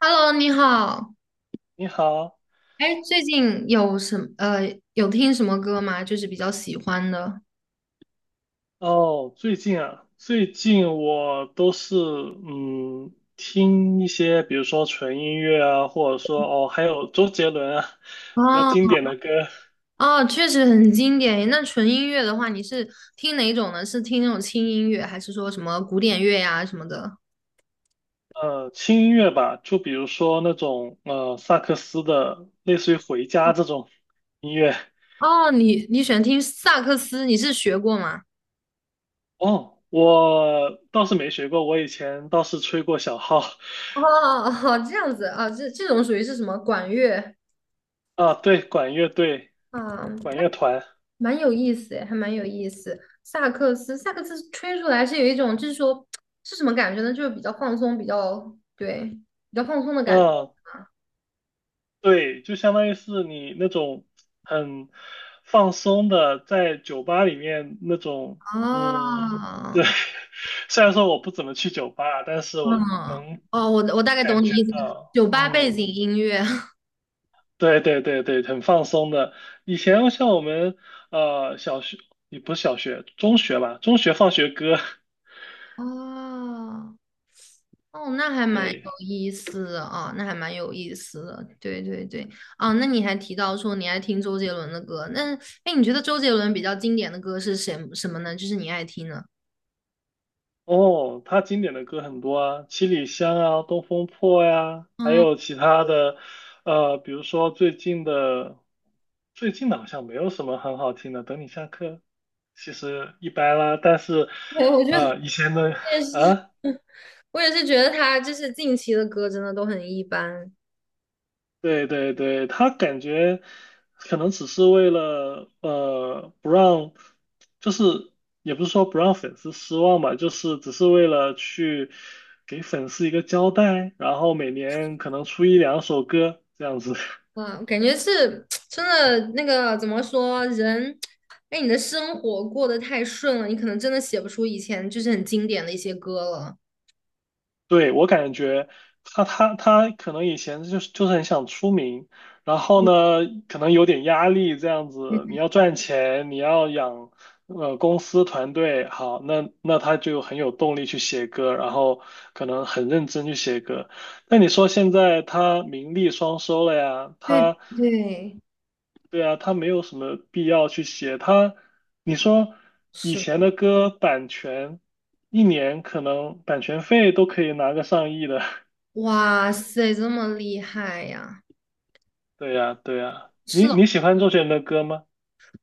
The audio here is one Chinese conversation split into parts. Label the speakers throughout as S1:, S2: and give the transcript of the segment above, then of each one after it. S1: Hello，你好。
S2: 你好。
S1: 哎，最近有什么有听什么歌吗？就是比较喜欢的。
S2: 哦，最近啊，我都是听一些，比如说纯音乐啊，或者说还有周杰伦啊，
S1: 哦
S2: 比较经典的歌。
S1: 哦，确实很经典。那纯音乐的话，你是听哪种呢？是听那种轻音乐，还是说什么古典乐呀、什么的？
S2: 轻音乐吧，就比如说那种萨克斯的，类似于回家这种音乐。
S1: 哦，你喜欢听萨克斯，你是学过吗？
S2: 哦，我倒是没学过，我以前倒是吹过小号。
S1: 哦哦，这样子啊，这种属于是什么管乐
S2: 啊，对，管乐队、
S1: 啊？
S2: 管乐团。
S1: 蛮有意思诶，还蛮有意思。萨克斯吹出来是有一种，就是说是什么感觉呢？就是比较放松，比较对，比较放松的感觉。
S2: 嗯，对，就相当于是你那种很放松的，在酒吧里面那种。嗯，对。
S1: 啊，
S2: 虽然说我不怎么去酒吧，但是我
S1: 嗯，
S2: 能
S1: 哦，我大概懂
S2: 感
S1: 你
S2: 觉
S1: 意思了，
S2: 到，
S1: 酒吧背
S2: 嗯，
S1: 景音乐。
S2: 对对对对，很放松的。以前像我们小学，也不是小学，中学吧，中学放学歌。
S1: 哦，哦，那还蛮有
S2: 对。
S1: 意思的啊，那还蛮有意思的，对对对。啊，那你还提到说你爱听周杰伦的歌，那哎，你觉得周杰伦比较经典的歌是什么呢？就是你爱听的。
S2: 哦，他经典的歌很多啊，《七里香》啊，《东风破》呀，还
S1: 嗯，
S2: 有其他的。比如说最近的好像没有什么很好听的。《等你下课》其实一般啦，但是，
S1: 对，我觉得
S2: 以前的
S1: 也 是。
S2: 啊。
S1: 我也是觉得他就是近期的歌真的都很一般。
S2: 对对对，他感觉可能只是为了不让，就是也不是说不让粉丝失望吧，就是只是为了去给粉丝一个交代，然后每年可能出一两首歌这样子。
S1: 哇，感觉是 真的那个怎么说人，哎，你的生活过得太顺了，你可能真的写不出以前就是很经典的一些歌了。
S2: 对，我感觉他可能以前就是很想出名，然后呢，可能有点压力这样子，
S1: 嗯，
S2: 你要赚钱，你要养公司团队。好，那他就很有动力去写歌，然后可能很认真去写歌。那你说现在他名利双收了呀。
S1: 对对，
S2: 对啊，他没有什么必要去写他，你说以
S1: 是的。
S2: 前的歌版权。一年可能版权费都可以拿个上亿的。
S1: 哇塞，这么厉害呀！
S2: 对呀，对呀，
S1: 是
S2: 你
S1: 的，
S2: 你喜欢周杰伦的歌吗？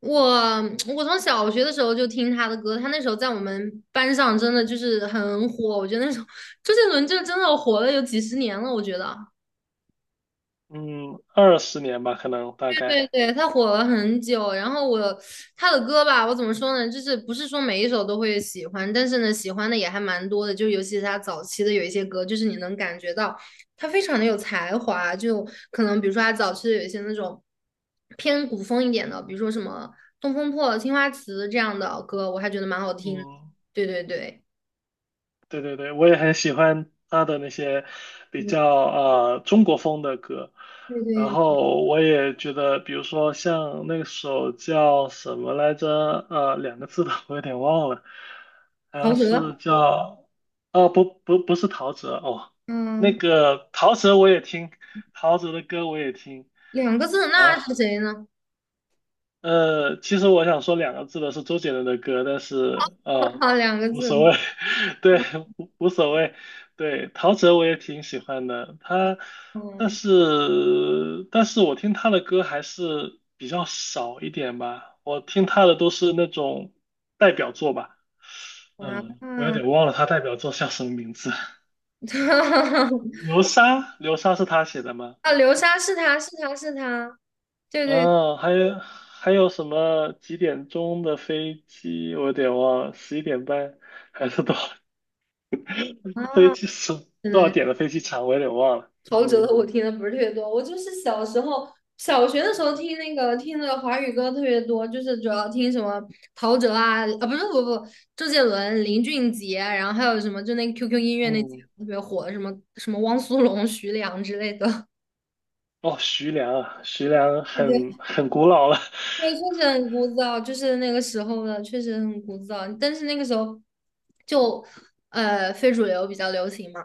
S1: 我我从小学的时候就听他的歌，他那时候在我们班上真的就是很火，我觉得那时候周杰伦就 真的火了有几十年了，我觉得。
S2: 嗯，20年吧，可能大
S1: 对
S2: 概。
S1: 对，他火了很久，然后我他的歌吧，我怎么说呢？就是不是说每一首都会喜欢，但是呢，喜欢的也还蛮多的。就尤其是他早期的有一些歌，就是你能感觉到他非常的有才华。就可能比如说他早期的有一些那种偏古风一点的，比如说什么《东风破》《青花瓷》这样的歌，我还觉得蛮好听的。
S2: 嗯，
S1: 对对对，
S2: 对对对，我也很喜欢他的那些比较
S1: 嗯，
S2: 中国风的歌，
S1: 对
S2: 然
S1: 对。
S2: 后我也觉得，比如说像那首叫什么来着。两个字的我有点忘了，好
S1: 陶
S2: 像
S1: 喆？
S2: 是叫，哦，不不不是陶喆哦。那
S1: 嗯，
S2: 个陶喆我也听，陶喆的歌我也听。
S1: 两个字，
S2: 然
S1: 那
S2: 后。
S1: 是谁呢？
S2: 其实我想说两个字的是周杰伦的歌，但是
S1: 两个
S2: 无
S1: 字，
S2: 所谓。对，无所谓。对，陶喆我也挺喜欢的，他，但
S1: 嗯，
S2: 是但是我听他的歌还是比较少一点吧，我听他的都是那种代表作吧。嗯，我有
S1: 啊。
S2: 点忘了他代表作叫什么名字。流沙，流沙是他写的吗？
S1: 啊，流沙是他是他是他，对对
S2: 嗯，还有什么几点钟的飞机？我有点忘了，11点半还是多少飞
S1: 啊，
S2: 机是
S1: 真
S2: 多少
S1: 的。
S2: 点的飞机场？我有点忘了。
S1: 陶喆的
S2: 嗯
S1: 我听的不是特别多，我就是小学的时候听那个听的华语歌特别多，就是主要听什么陶喆啊啊不是不不周杰伦、林俊杰，然后还有什么就那 QQ 音乐那几个
S2: 嗯，
S1: 特别火的什么汪苏泷、徐良之类的。
S2: 哦，徐良啊。徐良很 很古老了。
S1: 对，确实很枯燥，就是那个时候的，确实很枯燥。但是那个时候就非主流比较流行嘛，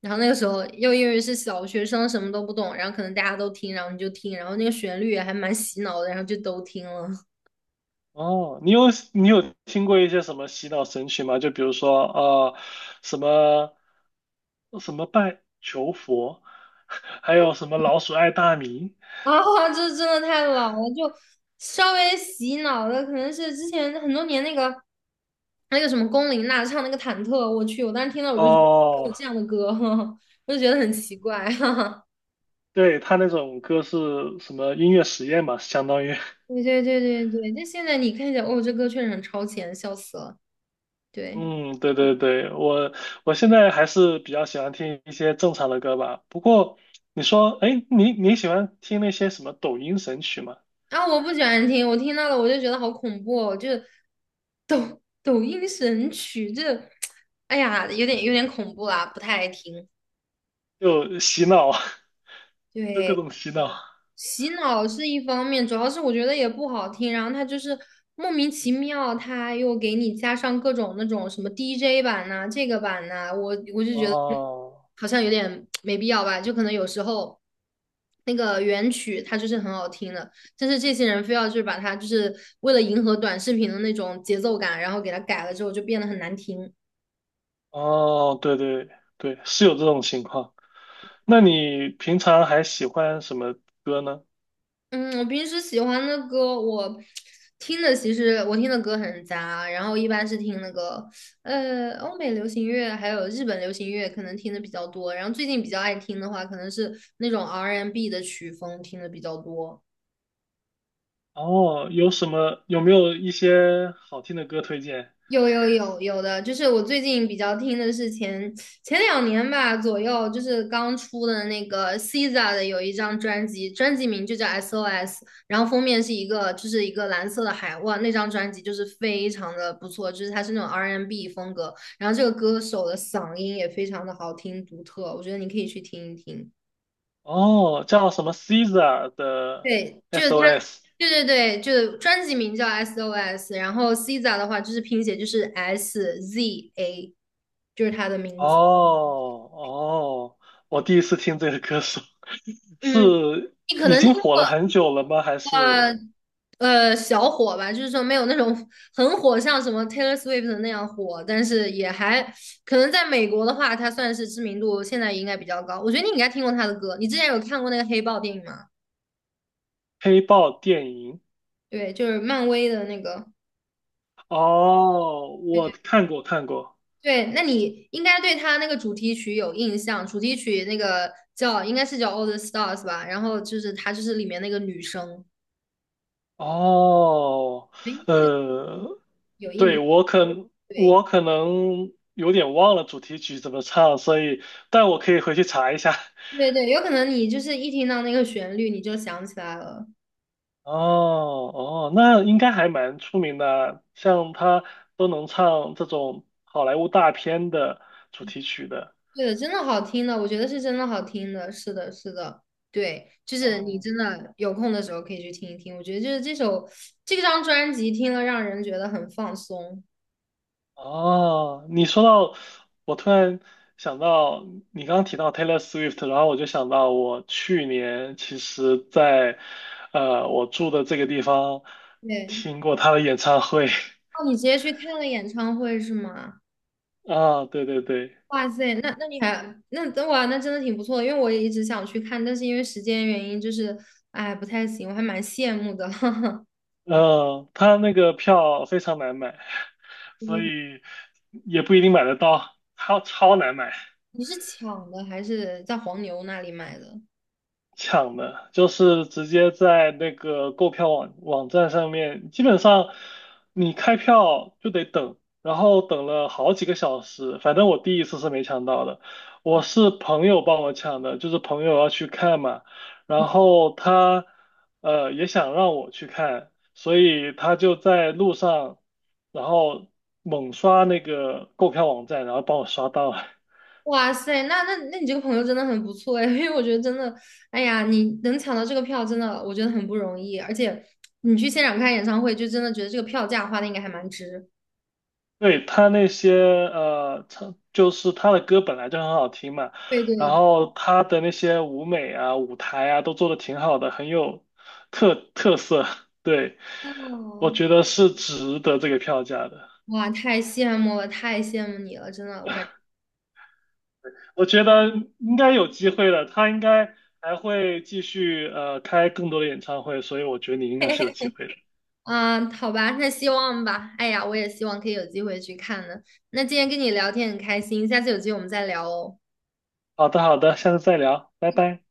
S1: 然后那个时候又因为是小学生，什么都不懂，然后可能大家都听，然后你就听，然后那个旋律也还蛮洗脑的，然后就都听了。
S2: 哦，你有听过一些什么洗脑神曲吗？就比如说什么什么拜求佛，还有什么老鼠爱大米。
S1: 啊，这真的太老了，就稍微洗脑的，可能是之前很多年那个什么龚琳娜唱那个忐忑，我去，我当时听到我就觉得有
S2: 哦，
S1: 这样的歌，我就觉得很奇怪，哈哈。
S2: 对，他那种歌是什么音乐实验嘛，相当于。
S1: 对对对对对，就现在你看一下，哦，这歌确实很超前，笑死了。对。
S2: 嗯，对对对，我现在还是比较喜欢听一些正常的歌吧。不过你说，哎，你喜欢听那些什么抖音神曲吗？
S1: 啊，我不喜欢听，我听到了我就觉得好恐怖哦，就抖音神曲，这，哎呀，有点恐怖啦，不太爱听。
S2: 就洗脑。就各
S1: 对。
S2: 种洗脑。
S1: 洗脑是一方面，主要是我觉得也不好听，然后他就是莫名其妙，他又给你加上各种那种什么 DJ 版呐、这个版呐、我就觉得
S2: 哦
S1: 好像有点没必要吧，就可能有时候那个原曲它就是很好听的，但是这些人非要就是把它就是为了迎合短视频的那种节奏感，然后给它改了之后就变得很难听。
S2: 哦，对对对，是有这种情况。那你平常还喜欢什么歌呢？
S1: 嗯，我平时喜欢的歌，我听的其实我听的歌很杂，然后一般是听那个欧美流行乐，还有日本流行乐，可能听的比较多。然后最近比较爱听的话，可能是那种 R&B 的曲风听的比较多。
S2: 哦，有什么，有没有一些好听的歌推荐？
S1: 有有有有的，就是我最近比较听的是前两年吧左右，就是刚出的那个 SZA 的有一张专辑，专辑名就叫 SOS,然后封面是一个蓝色的海，哇，那张专辑就是非常的不错，就是它是那种 R&B n 风格，然后这个歌手的嗓音也非常的好听独特，我觉得你可以去听一听。
S2: 哦，叫什么 Caesar 的
S1: 对，就是它，
S2: SOS。
S1: 对对对，就是专辑名叫 SOS,然后 SZA 的话就是拼写就是 S Z A,就是它的名字。
S2: 哦哦，我第一次听这个歌手，
S1: 嗯，
S2: 是
S1: 你可
S2: 已
S1: 能听
S2: 经火
S1: 过
S2: 了很久了吗？还是
S1: 小火吧，就是说没有那种很火，像什么 Taylor Swift 那样火，但是也还可能在美国的话，它算是知名度现在也应该比较高。我觉得你应该听过他的歌，你之前有看过那个黑豹电影吗？
S2: 黑豹电影？
S1: 对，就是漫威的那个。
S2: 哦，我看过看过。
S1: 对，那你应该对他那个主题曲有印象，主题曲那个叫应该是叫《All the Stars》吧，然后就是他就是里面那个女生，
S2: 哦，
S1: 诶
S2: 呃，
S1: 有印，
S2: 对，我可
S1: 对
S2: 我可能有点忘了主题曲怎么唱，所以但我可以回去查一下。
S1: 对对，有可能你就是一听到那个旋律你就想起来了，
S2: 哦哦，那应该还蛮出名的，像他都能唱这种好莱坞大片的主题曲的。
S1: 对的，真的好听的，我觉得是真的好听的，是的，是的，对，就是你
S2: 哦
S1: 真的有空的时候可以去听一听，我觉得就是这张专辑听了让人觉得很放松。
S2: 哦，你说到，我突然想到你刚刚提到 Taylor Swift,然后我就想到我去年其实在我住的这个地方
S1: 对。
S2: 听过他的演唱会。
S1: 哦，你直接去看了演唱会是吗？
S2: 啊，对对对。
S1: 哇塞，那你还那等哇，那真的挺不错的，因为我也一直想去看，但是因为时间原因，就是哎不太行，我还蛮羡慕的。
S2: 嗯、他那个票非常难买。所
S1: 嗯，
S2: 以也不一定买得到，超难买。
S1: 你是抢的还是在黄牛那里买的？
S2: 抢的，就是直接在那个购票网站上面，基本上你开票就得等，然后等了好几个小时。反正我第一次是没抢到的，我是朋友帮我抢的，就是朋友要去看嘛，然后他也想让我去看，所以他就在路上，然后猛刷那个购票网站，然后帮我刷到了。
S1: 哇塞，那你这个朋友真的很不错哎，因为我觉得真的，哎呀，你能抢到这个票，真的我觉得很不容易，而且你去现场看演唱会，就真的觉得这个票价花的应该还蛮值。
S2: 对他那些就是他的歌本来就很好听嘛，
S1: 对对，
S2: 然后他的那些舞美啊、舞台啊都做的挺好的，很有特色。对，我
S1: 哦，
S2: 觉得是值得这个票价的。
S1: 哇，太羡慕了，太羡慕你了，真的，我感。
S2: 我觉得应该有机会的，他应该还会继续开更多的演唱会，所以我觉得你应该是有机会的。
S1: 嗯，好吧，那希望吧。哎呀，我也希望可以有机会去看呢。那今天跟你聊天很开心，下次有机会我们再聊哦。
S2: 好的，好的，下次再聊，拜拜。